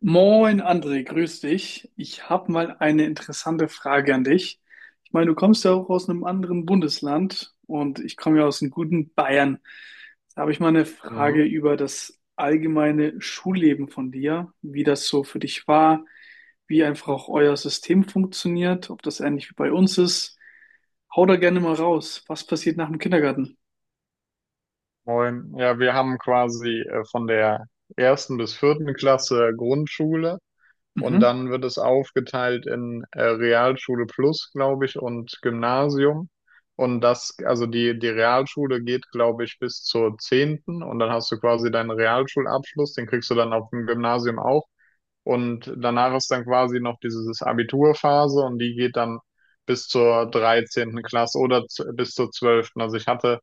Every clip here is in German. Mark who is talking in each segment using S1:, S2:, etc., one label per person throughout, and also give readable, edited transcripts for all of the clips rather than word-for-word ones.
S1: Moin André, grüß dich. Ich habe mal eine interessante Frage an dich. Ich meine, du kommst ja auch aus einem anderen Bundesland und ich komme ja aus einem guten Bayern. Da habe ich mal eine
S2: Ja.
S1: Frage über das allgemeine Schulleben von dir, wie das so für dich war, wie einfach auch euer System funktioniert, ob das ähnlich wie bei uns ist. Hau da gerne mal raus. Was passiert nach dem Kindergarten?
S2: Moin. Ja, wir haben quasi von der ersten bis vierten Klasse Grundschule, und
S1: Mhm.
S2: dann wird es aufgeteilt in Realschule Plus, glaube ich, und Gymnasium. Und das, also die Realschule geht, glaube ich, bis zur 10., und dann hast du quasi deinen Realschulabschluss, den kriegst du dann auf dem Gymnasium auch. Und danach ist dann quasi noch dieses Abiturphase, und die geht dann bis zur 13. Klasse oder bis zur 12. Also ich hatte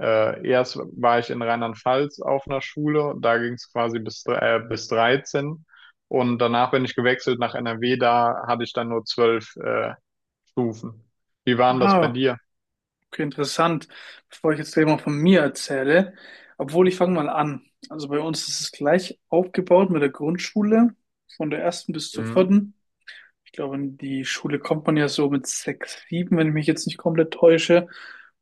S2: Erst war ich in Rheinland-Pfalz auf einer Schule, da ging es quasi bis, bis 13, und danach bin ich gewechselt nach NRW, da hatte ich dann nur 12 Stufen. Wie waren das bei
S1: Ah.
S2: dir?
S1: Okay, interessant. Bevor ich jetzt gleich mal von mir erzähle, obwohl, ich fange mal an. Also bei uns ist es gleich aufgebaut mit der Grundschule, von der ersten bis zur
S2: Mhm.
S1: vierten. Ich glaube, in die Schule kommt man ja so mit sechs, sieben, wenn ich mich jetzt nicht komplett täusche.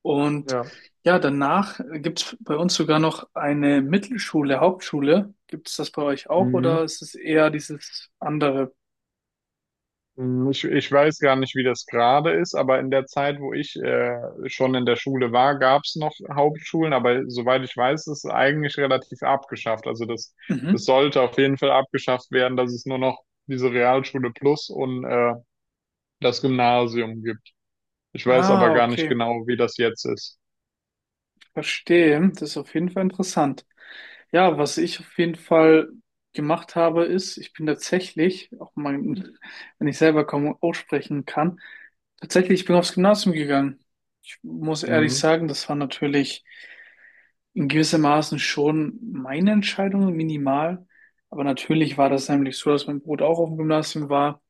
S1: Und
S2: Ja.
S1: ja, danach gibt es bei uns sogar noch eine Mittelschule, Hauptschule. Gibt es das bei euch auch
S2: Mhm.
S1: oder ist es eher dieses andere?
S2: Mhm. Ich weiß gar nicht, wie das gerade ist, aber in der Zeit, wo ich schon in der Schule war, gab es noch Hauptschulen, aber soweit ich weiß, ist es eigentlich relativ abgeschafft. Also das, es
S1: Mhm.
S2: sollte auf jeden Fall abgeschafft werden, dass es nur noch diese Realschule Plus und das Gymnasium gibt. Ich weiß aber
S1: Ah,
S2: gar nicht
S1: okay.
S2: genau, wie das jetzt ist.
S1: Verstehe, das ist auf jeden Fall interessant. Ja, was ich auf jeden Fall gemacht habe, ist, ich bin tatsächlich, auch mal, wenn ich selber kaum aussprechen kann, tatsächlich, ich bin aufs Gymnasium gegangen. Ich muss ehrlich
S2: Mhm.
S1: sagen, das war natürlich in gewissem Maßen schon meine Entscheidung, minimal. Aber natürlich war das nämlich so, dass mein Bruder auch auf dem Gymnasium war,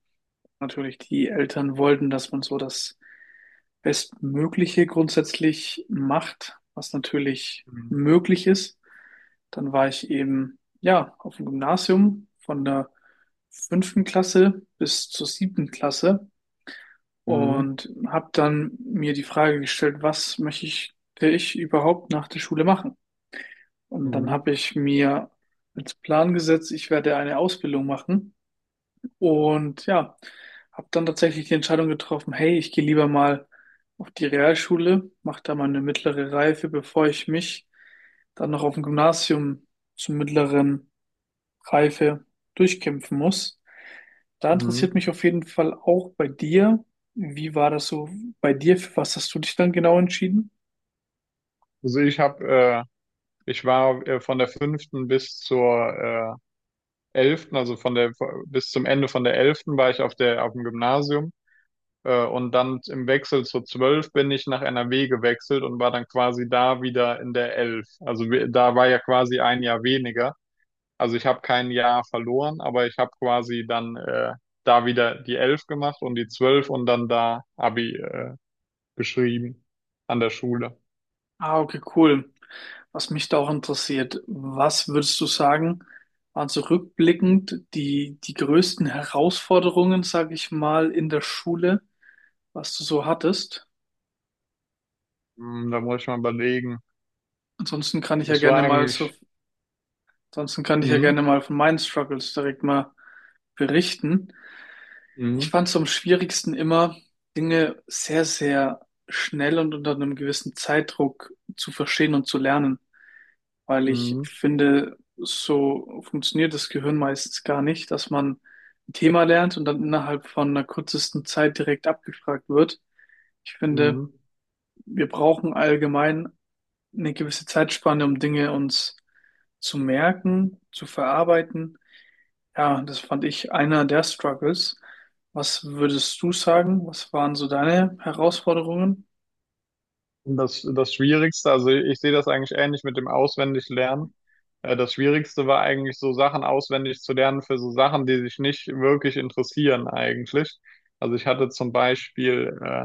S1: natürlich, die Eltern wollten, dass man so das Bestmögliche grundsätzlich macht, was natürlich
S2: Mhm.
S1: möglich ist. Dann war ich eben, ja, auf dem Gymnasium von der fünften Klasse bis zur siebten Klasse
S2: Mhm.
S1: und habe dann mir die Frage gestellt, was möchte ich, will ich überhaupt nach der Schule machen? Und dann
S2: Mhm.
S1: habe ich mir als Plan gesetzt, ich werde eine Ausbildung machen und ja, habe dann tatsächlich die Entscheidung getroffen, hey, ich gehe lieber mal auf die Realschule, mache da mal eine mittlere Reife, bevor ich mich dann noch auf dem Gymnasium zur mittleren Reife durchkämpfen muss. Da interessiert
S2: Mhm.
S1: mich auf jeden Fall auch bei dir, wie war das so bei dir? Für was hast du dich dann genau entschieden?
S2: Also ich habe, äh, Ich war von der fünften bis zur äh, 11., also von der bis zum Ende von der 11. war ich auf der auf dem Gymnasium. Und dann im Wechsel zur 12 bin ich nach N R W gewechselt und war dann quasi da wieder in der 11. Also da war ja quasi ein Jahr weniger. Also ich habe kein Jahr verloren, aber ich habe quasi dann da wieder die 11 gemacht und die 12 und dann da Abi geschrieben an der Schule.
S1: Ah, okay, cool. Was mich da auch interessiert, was würdest du sagen, waren so rückblickend die größten Herausforderungen, sage ich mal, in der Schule, was du so hattest?
S2: Hm, da muss ich mal überlegen.
S1: Ansonsten kann ich ja
S2: Das
S1: gerne
S2: war
S1: mal so,
S2: eigentlich.
S1: ansonsten kann ich ja
S2: hm,
S1: gerne mal von meinen Struggles direkt mal berichten.
S2: hm,
S1: Ich fand es am schwierigsten immer, Dinge sehr, sehr schnell und unter einem gewissen Zeitdruck zu verstehen und zu lernen, weil ich
S2: hm,
S1: finde, so funktioniert das Gehirn meistens gar nicht, dass man ein Thema lernt und dann innerhalb von einer kürzesten Zeit direkt abgefragt wird. Ich finde,
S2: hm.
S1: wir brauchen allgemein eine gewisse Zeitspanne, um Dinge uns zu merken, zu verarbeiten. Ja, das fand ich einer der Struggles. Was würdest du sagen? Was waren so deine Herausforderungen?
S2: Das Schwierigste, also ich sehe das eigentlich ähnlich mit dem Auswendiglernen. Das Schwierigste war eigentlich so Sachen auswendig zu lernen für so Sachen, die sich nicht wirklich interessieren eigentlich. Also ich hatte zum Beispiel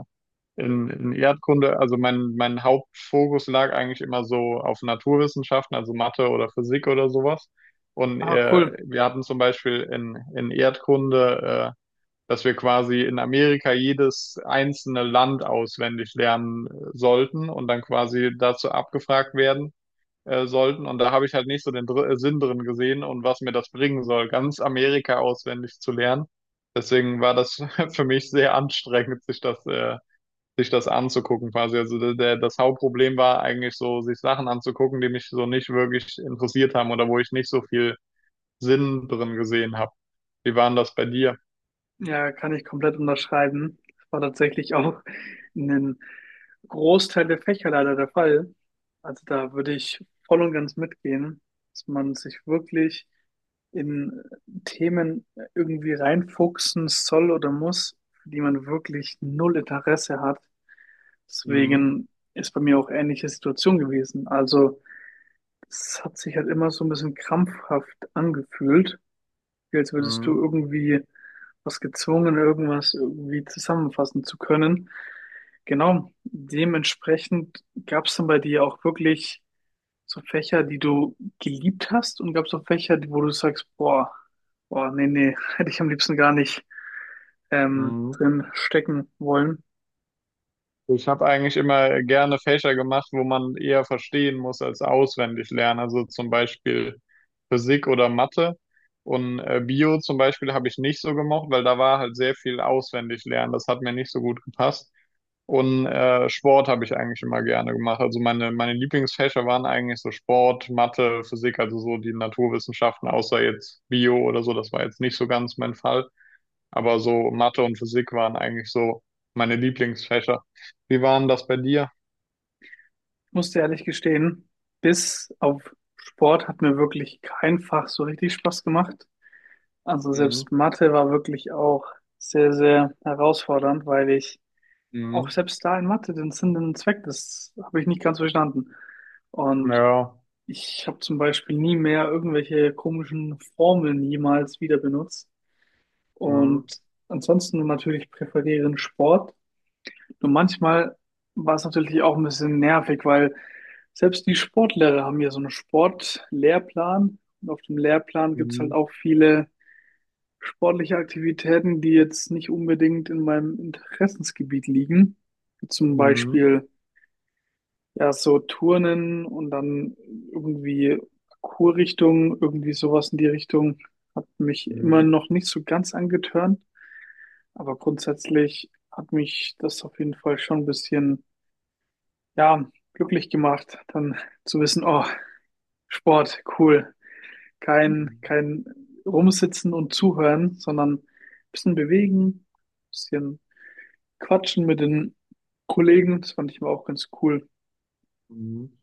S2: in Erdkunde, also mein Hauptfokus lag eigentlich immer so auf Naturwissenschaften, also Mathe oder Physik oder sowas. Und
S1: Ah, cool.
S2: wir hatten zum Beispiel in Erdkunde, dass wir quasi in Amerika jedes einzelne Land auswendig lernen sollten und dann quasi dazu abgefragt werden sollten. Und da habe ich halt nicht so den Dr Sinn drin gesehen und was mir das bringen soll, ganz Amerika auswendig zu lernen. Deswegen war das für mich sehr anstrengend, sich das anzugucken quasi. Also das Hauptproblem war eigentlich so, sich Sachen anzugucken, die mich so nicht wirklich interessiert haben oder wo ich nicht so viel Sinn drin gesehen habe. Wie war denn das bei dir?
S1: Ja, kann ich komplett unterschreiben. Das war tatsächlich auch in den Großteil der Fächer leider der Fall. Also da würde ich voll und ganz mitgehen, dass man sich wirklich in Themen irgendwie reinfuchsen soll oder muss, für die man wirklich null Interesse hat.
S2: Mhm.
S1: Deswegen ist bei mir auch ähnliche Situation gewesen. Also es hat sich halt immer so ein bisschen krampfhaft angefühlt. Gefühl, als würdest du
S2: Mhm.
S1: irgendwie was gezwungen, irgendwas irgendwie zusammenfassen zu können. Genau, dementsprechend gab es dann bei dir auch wirklich so Fächer, die du geliebt hast und gab es auch Fächer, die- wo du sagst, boah, boah, nee, nee, hätte ich am liebsten gar nicht
S2: Mhm.
S1: drin stecken wollen.
S2: Ich habe eigentlich immer gerne Fächer gemacht, wo man eher verstehen muss als auswendig lernen. Also zum Beispiel Physik oder Mathe. Und Bio zum Beispiel habe ich nicht so gemocht, weil da war halt sehr viel auswendig lernen. Das hat mir nicht so gut gepasst. Und Sport habe ich eigentlich immer gerne gemacht. Also meine Lieblingsfächer waren eigentlich so Sport, Mathe, Physik, also so die Naturwissenschaften, außer jetzt Bio oder so. Das war jetzt nicht so ganz mein Fall. Aber so Mathe und Physik waren eigentlich so meine Lieblingsfächer. Wie waren das bei dir?
S1: Ich muss dir ehrlich gestehen, bis auf Sport hat mir wirklich kein Fach so richtig Spaß gemacht. Also selbst
S2: Mhm.
S1: Mathe war wirklich auch sehr, sehr herausfordernd, weil ich auch
S2: Mhm.
S1: selbst da in Mathe den Sinn und Zweck, das habe ich nicht ganz verstanden. Und
S2: Ja.
S1: ich habe zum Beispiel nie mehr irgendwelche komischen Formeln jemals wieder benutzt.
S2: Mhm.
S1: Und ansonsten natürlich präferieren Sport. Nur manchmal war es natürlich auch ein bisschen nervig, weil selbst die Sportlehrer haben ja so einen Sportlehrplan. Und auf dem Lehrplan gibt es halt
S2: Mhm.
S1: auch viele sportliche Aktivitäten, die jetzt nicht unbedingt in meinem Interessensgebiet liegen. Zum
S2: Mhm.
S1: Beispiel ja so Turnen und dann irgendwie Kurrichtung, irgendwie sowas in die Richtung, hat mich immer
S2: Mhm.
S1: noch nicht so ganz angetörnt. Aber grundsätzlich hat mich das auf jeden Fall schon ein bisschen, ja, glücklich gemacht, dann zu wissen, oh, Sport, cool. Kein,
S2: Mhm.
S1: kein Rumsitzen und Zuhören, sondern ein bisschen bewegen, ein bisschen Quatschen mit den Kollegen, das fand ich immer auch ganz cool.
S2: Mhm.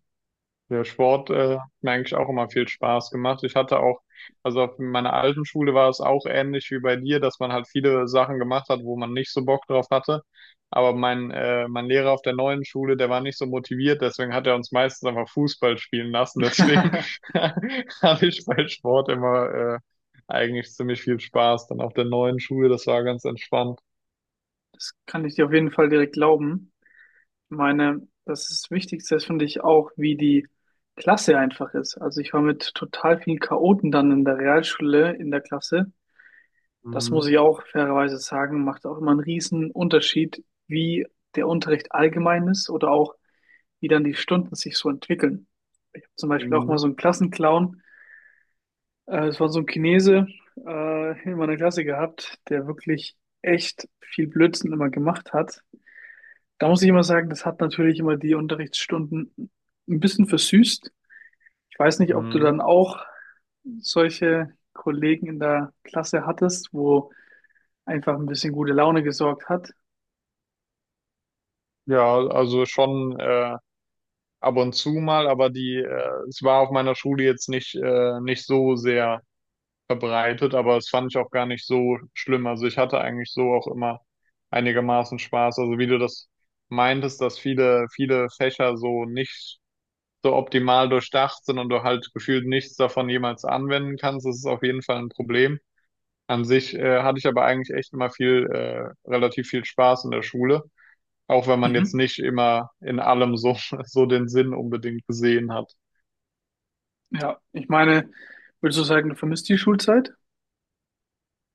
S2: Der Sport hat mir eigentlich auch immer viel Spaß gemacht. Ich hatte auch, also auf meiner alten Schule war es auch ähnlich wie bei dir, dass man halt viele Sachen gemacht hat, wo man nicht so Bock drauf hatte. Aber mein Lehrer auf der neuen Schule, der war nicht so motiviert, deswegen hat er uns meistens einfach Fußball spielen lassen. Deswegen hatte ich bei Sport immer eigentlich ziemlich viel Spaß. Dann auf der neuen Schule, das war ganz entspannt.
S1: Das kann ich dir auf jeden Fall direkt glauben. Ich meine, das ist das Wichtigste, das finde ich auch, wie die Klasse einfach ist. Also ich war mit total vielen Chaoten dann in der Realschule in der Klasse. Das muss
S2: Mhm.
S1: ich auch fairerweise sagen, macht auch immer einen riesen Unterschied, wie der Unterricht allgemein ist oder auch wie dann die Stunden sich so entwickeln. Ich habe zum Beispiel auch mal
S2: Mhm.
S1: so einen Klassenclown, es war so ein Chinese in meiner Klasse gehabt, der wirklich echt viel Blödsinn immer gemacht hat. Da muss ich immer sagen, das hat natürlich immer die Unterrichtsstunden ein bisschen versüßt. Ich weiß nicht, ob du dann
S2: Mhm.
S1: auch solche Kollegen in der Klasse hattest, wo einfach ein bisschen gute Laune gesorgt hat.
S2: Ja, also schon. Ab und zu mal, aber es war auf meiner Schule jetzt nicht, nicht so sehr verbreitet, aber es fand ich auch gar nicht so schlimm. Also ich hatte eigentlich so auch immer einigermaßen Spaß. Also wie du das meintest, dass viele Fächer so nicht so optimal durchdacht sind und du halt gefühlt nichts davon jemals anwenden kannst, das ist auf jeden Fall ein Problem. An sich, hatte ich aber eigentlich echt immer relativ viel Spaß in der Schule, auch wenn man jetzt
S1: Mhm.
S2: nicht immer in allem so, so den Sinn unbedingt gesehen hat.
S1: Ja, ich meine, würdest du sagen, du vermisst die Schulzeit?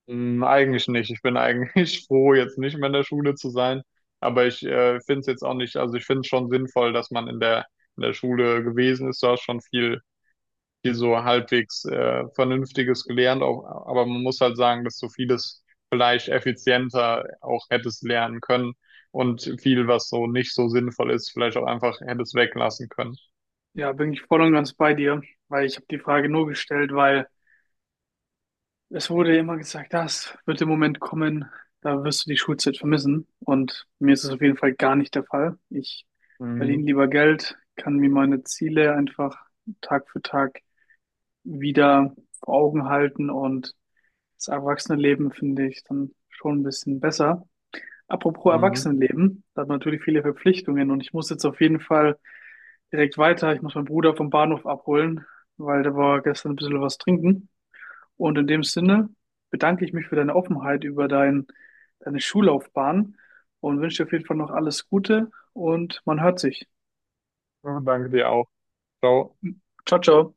S2: Hm, eigentlich nicht. Ich bin eigentlich froh, jetzt nicht mehr in der Schule zu sein. Aber ich finde es jetzt auch nicht, also ich finde es schon sinnvoll, dass man in der Schule gewesen ist. Du hast schon viel, viel so halbwegs Vernünftiges gelernt. Auch, aber man muss halt sagen, dass du vieles vielleicht effizienter auch hättest lernen können und viel, was so nicht so sinnvoll ist, vielleicht auch einfach hättest weglassen können.
S1: Ja, bin ich voll und ganz bei dir, weil ich habe die Frage nur gestellt, weil es wurde ja immer gesagt, das wird der Moment kommen, da wirst du die Schulzeit vermissen. Und mir ist es auf jeden Fall gar nicht der Fall. Ich
S2: Mhm.
S1: verdiene lieber Geld, kann mir meine Ziele einfach Tag für Tag wieder vor Augen halten und das Erwachsenenleben finde ich dann schon ein bisschen besser. Apropos
S2: Mhm.
S1: Erwachsenenleben, da hat man natürlich viele Verpflichtungen und ich muss jetzt auf jeden Fall direkt weiter. Ich muss meinen Bruder vom Bahnhof abholen, weil der war gestern ein bisschen was trinken. Und in dem Sinne bedanke ich mich für deine Offenheit über deine Schullaufbahn und wünsche dir auf jeden Fall noch alles Gute und man hört sich.
S2: Ja, danke dir auch. Ciao.
S1: Ciao, ciao.